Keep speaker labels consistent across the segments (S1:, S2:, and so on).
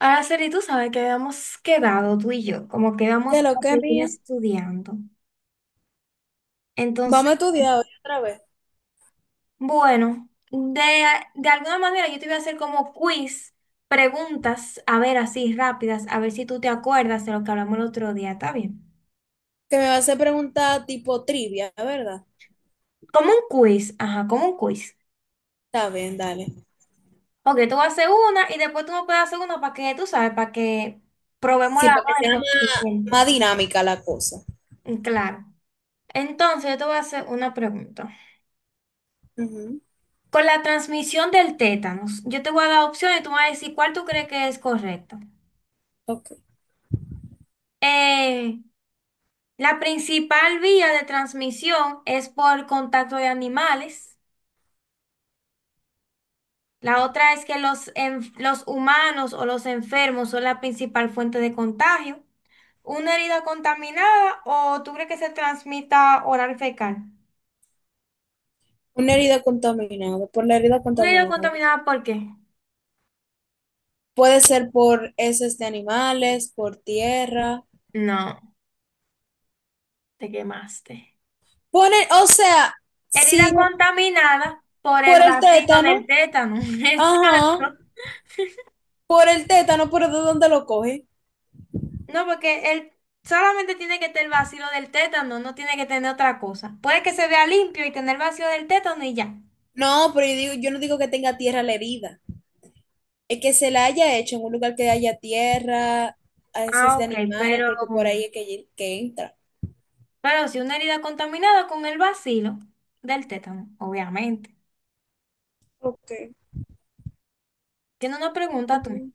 S1: Araceli, tú sabes que habíamos quedado tú y yo, como que íbamos
S2: De lo
S1: a
S2: que
S1: seguir
S2: mía.
S1: estudiando.
S2: Vamos
S1: Entonces,
S2: a estudiar hoy otra vez.
S1: bueno, de alguna manera yo te voy a hacer como quiz, preguntas, a ver, así rápidas, a ver si tú te acuerdas de lo que hablamos el otro día, ¿está bien?
S2: Que me va a hacer preguntas tipo trivia, ¿verdad?
S1: Como un quiz, ajá, como un quiz.
S2: Está bien, dale.
S1: Ok, tú vas a hacer una y después tú me puedes hacer una para que, tú sabes, para que probemos
S2: Sí, para que
S1: el
S2: sea más,
S1: conocimiento.
S2: más dinámica la cosa.
S1: Claro. Entonces, yo te voy a hacer una pregunta.
S2: Ujú,
S1: Con la transmisión del tétanos, yo te voy a dar opciones, tú me vas a decir cuál tú crees que es correcto.
S2: ok.
S1: Eh, la principal vía de transmisión es por contacto de animales. La otra es que los humanos o los enfermos son la principal fuente de contagio. Una herida contaminada o tú crees que se transmita oral fecal.
S2: Una herida contaminada. Por la herida
S1: Una herida
S2: contaminada.
S1: contaminada, ¿por qué?
S2: Puede ser por heces de animales, por tierra.
S1: No, te quemaste.
S2: O sea, sí,
S1: Herida contaminada por
S2: por
S1: el
S2: el
S1: vacío del
S2: tétano.
S1: tétano.
S2: Ajá.
S1: Exacto.
S2: Por el tétano, pero ¿de dónde lo coge?
S1: No, porque él solamente tiene que tener vacío del tétano, no tiene que tener otra cosa. Puede que se vea limpio y tener vacío del tétano y ya.
S2: No, pero yo digo, yo no digo que tenga tierra la herida. Es que se la haya hecho en un lugar que haya tierra, a veces
S1: Ah,
S2: de
S1: ok,
S2: animales, porque por ahí es que entra.
S1: pero si una herida contaminada con el bacilo del tétano, obviamente.
S2: Ok.
S1: Tiene una pregunta tú.
S2: Mm,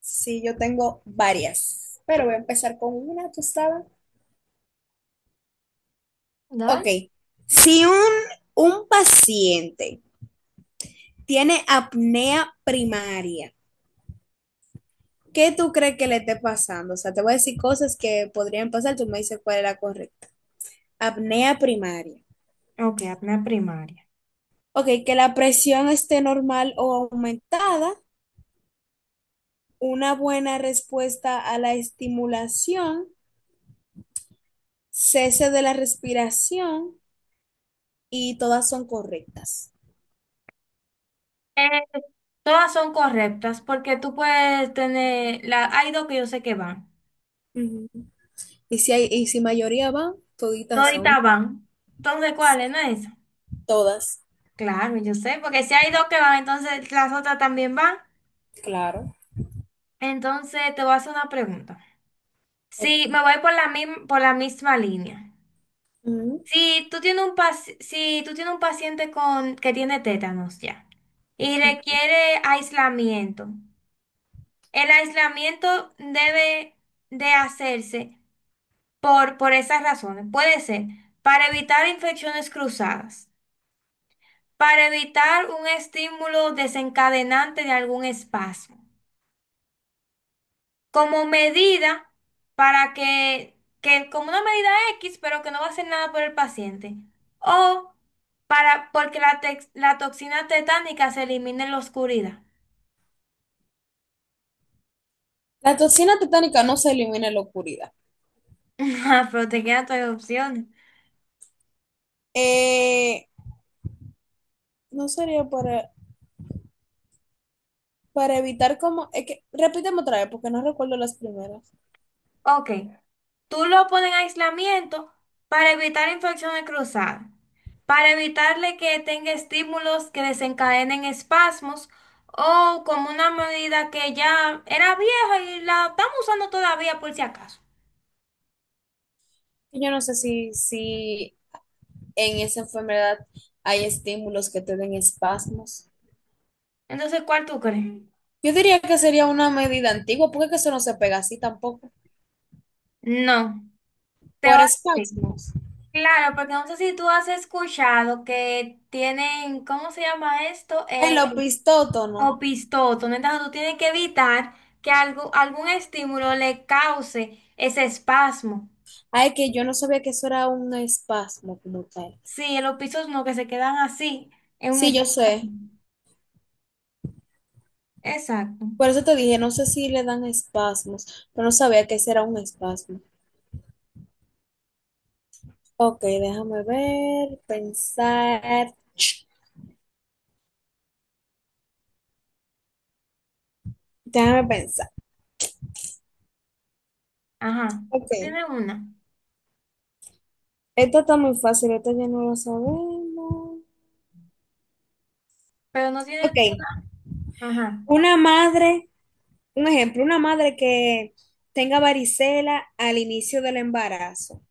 S2: Sí, yo tengo varias, pero voy a empezar con una, tú sabes.
S1: Da.
S2: Ok, si un, un paciente tiene apnea primaria, ¿qué tú crees que le esté pasando? O sea, te voy a decir cosas que podrían pasar, tú me dices cuál es la correcta. Apnea primaria.
S1: Ok, apnea primaria.
S2: Ok, que la presión esté normal o aumentada, una buena respuesta a la estimulación, cese de la respiración y todas son correctas.
S1: Eh, Todas son correctas porque tú puedes tener, la, hay dos que yo sé que van.
S2: Ujú. Y si mayoría van toditas
S1: Toditas
S2: son.
S1: van. Entonces, ¿cuál es? ¿No es esa?
S2: Todas.
S1: Claro, yo sé, porque si hay dos que van, entonces las otras también van.
S2: Claro.
S1: Entonces, te voy a hacer una pregunta.
S2: Ok.
S1: Si me voy por por la misma línea.
S2: Ujú.
S1: Si tú tienes si tú tienes un paciente con que tiene tétanos ya y requiere aislamiento, el aislamiento debe de hacerse por esas razones. Puede ser para evitar infecciones cruzadas, para evitar un estímulo desencadenante de algún espasmo. Como medida para que como una medida X, pero que no va a hacer nada por el paciente. O para, porque la toxina tetánica se elimina en la oscuridad.
S2: La toxina tetánica no se elimina en la oscuridad.
S1: Ajá, pero te quedan todas las opciones.
S2: Eh, no sería para evitar como... Es que, repíteme otra vez porque no recuerdo las primeras.
S1: Ok, tú lo pones en aislamiento para evitar infecciones cruzadas, para evitarle que tenga estímulos que desencadenen espasmos o como una medida que ya era vieja y la estamos usando todavía por si acaso.
S2: Yo no sé si en esa enfermedad hay estímulos que te den espasmos.
S1: Entonces, ¿cuál tú crees?
S2: Yo diría que sería una medida antigua, porque es que eso no se pega así tampoco.
S1: No, te va
S2: Por
S1: a decir.
S2: espasmos.
S1: Claro, porque no sé si tú has escuchado que tienen, ¿cómo se llama esto?
S2: El opistótono.
S1: Opistoto, ¿no? Entonces, tú tienes que evitar que algo, algún estímulo le cause ese espasmo.
S2: Ay, que yo no sabía que eso era un espasmo como tal.
S1: Sí, los opistos no, que se quedan así, en un
S2: Sí, yo sé.
S1: espasmo. Exacto.
S2: Por eso te dije, no sé si le dan espasmos, pero no sabía que ese era un espasmo. Ok, déjame ver, pensar. Déjame pensar.
S1: Ajá. No
S2: Ok.
S1: tiene una,
S2: Esto está muy fácil, esto ya no lo sabemos.
S1: pero no tiene
S2: Ok.
S1: toda. Ajá.
S2: Una madre un ejemplo, una madre que tenga varicela al inicio del embarazo,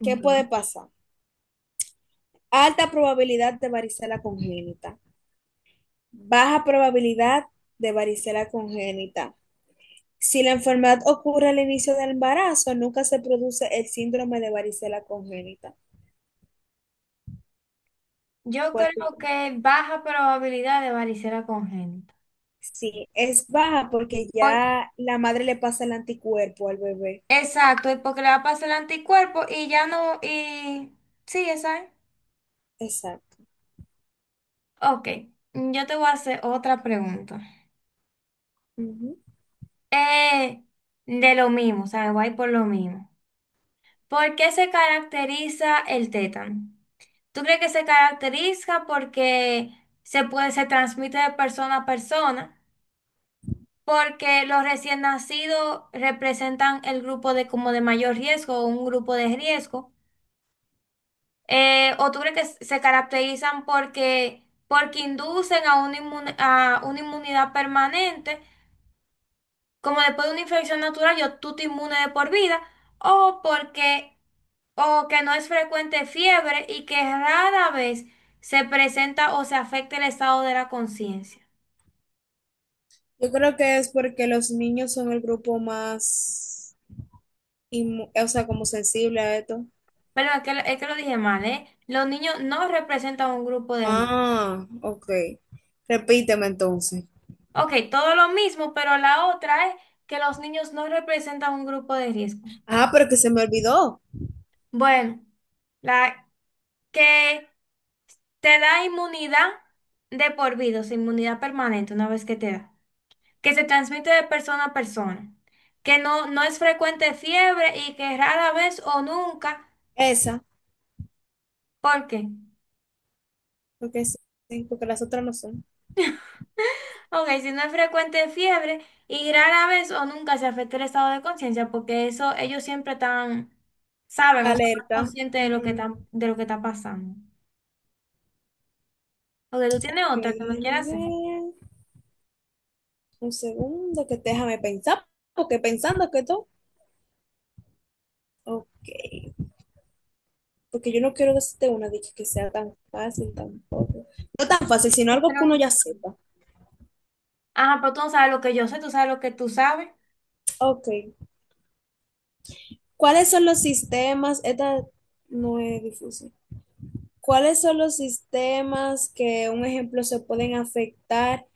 S2: ¿qué puede pasar? Alta probabilidad de varicela congénita, baja probabilidad de varicela congénita. Si la enfermedad ocurre al inicio del embarazo, nunca se produce el síndrome de varicela congénita.
S1: Yo
S2: ¿Cuál tú
S1: creo
S2: crees?
S1: que baja probabilidad de varicela congénita.
S2: Sí, es baja porque ya la madre le pasa el anticuerpo al bebé.
S1: Exacto, y porque le va a pasar el anticuerpo y ya no, y sí, esa es.
S2: Exacto.
S1: Ok, yo te voy a hacer otra pregunta.
S2: Ujú.
S1: Eh, de lo mismo, o sea, voy a ir por lo mismo. ¿Por qué se caracteriza el tétano? ¿Tú crees que se caracteriza porque se puede, se transmite de persona a persona? Porque los recién nacidos representan el grupo de como de mayor riesgo o un grupo de riesgo. ¿O tú crees que se caracterizan porque inducen a a una inmunidad permanente, como después de una infección natural, yo tú te inmune de por vida, o porque, o que no es frecuente fiebre y que rara vez se presenta o se afecta el estado de la conciencia?
S2: Yo creo que es porque los niños son el grupo más o sea, como sensible a esto.
S1: Perdón, es que, es que lo dije mal, ¿eh? Los niños no representan un grupo de riesgo.
S2: Ah, ok. Repíteme entonces.
S1: Ok, todo lo mismo, pero la otra es que los niños no representan un grupo de riesgo.
S2: Ah, pero que se me olvidó.
S1: Bueno, la que te da inmunidad de por vida, o sea, inmunidad permanente una vez que te da, que se transmite de persona a persona, que no, no es frecuente fiebre y que rara vez o nunca,
S2: Esa,
S1: ¿por qué?
S2: porque sí, sí, porque las otras no son.
S1: Ok, si no es frecuente fiebre y rara vez o nunca se afecta el estado de conciencia, porque eso ellos siempre están, saben, o sea, están
S2: Alerta.
S1: conscientes de lo que
S2: Ujú.
S1: están, de lo que está pasando. Ok, tú tienes
S2: Ok,
S1: otra que me
S2: déjame
S1: quieras hacer.
S2: ver. Un segundo, que déjame pensar, porque pensando que todo. Ok, porque yo no quiero decirte una dicha que sea tan fácil, tan... No tan fácil, sino algo que
S1: Espero.
S2: uno ya sepa.
S1: Ah, pero tú no sabes lo que yo sé, tú sabes lo que tú sabes.
S2: Ok. ¿Cuáles son los sistemas? Esta no es difícil. ¿Cuáles son los sistemas que, un ejemplo, se pueden afectar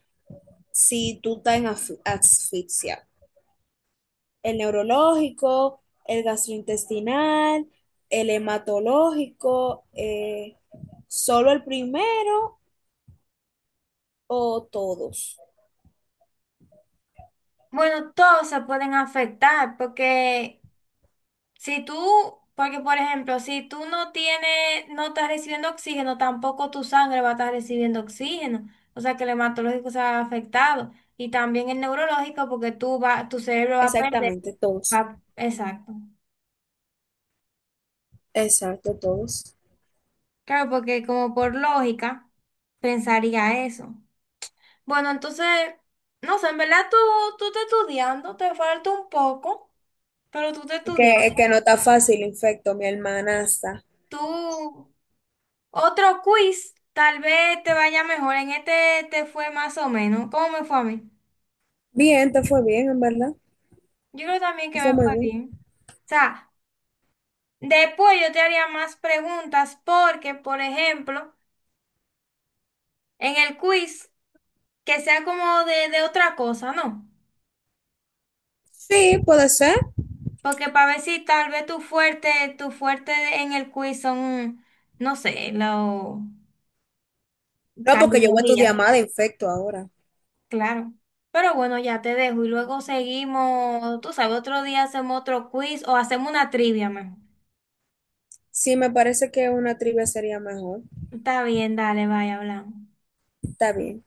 S2: si tú estás en asfixia? El neurológico, el gastrointestinal, el hematológico, solo el primero o todos.
S1: Bueno, todos se pueden afectar porque si tú, porque por ejemplo, si tú no tienes, no estás recibiendo oxígeno, tampoco tu sangre va a estar recibiendo oxígeno. O sea que el hematológico se va afectado y también el neurológico porque tú va, tu cerebro va a perder.
S2: Exactamente, todos.
S1: Exacto.
S2: Exacto, todos.
S1: Claro, porque como por lógica pensaría eso. Bueno, entonces, no sé, en verdad tú, tú estás estudiando, te falta un poco. Pero tú te
S2: Es
S1: estudias.
S2: que no está fácil, infecto, mi hermanasta.
S1: Tú, otro quiz, tal vez te vaya mejor. En este te fue más o menos. ¿Cómo me fue a mí?
S2: Bien, te fue bien, en verdad.
S1: Yo creo también
S2: Te
S1: que
S2: fue
S1: me
S2: muy
S1: fue
S2: bien.
S1: bien. O sea, después yo te haría más preguntas porque, por ejemplo, en el quiz, que sea como de otra cosa, ¿no?
S2: Sí, puede ser.
S1: Porque para ver si tal vez tu fuerte en el quiz son, no sé, la
S2: No, porque yo voy a estudiar
S1: cardiología.
S2: más de infecto ahora.
S1: Claro. Pero bueno, ya te dejo y luego seguimos, tú sabes, otro día hacemos otro quiz o hacemos una trivia mejor.
S2: Sí, me parece que una trivia sería mejor.
S1: Está bien, dale, vaya, hablamos.
S2: Está bien.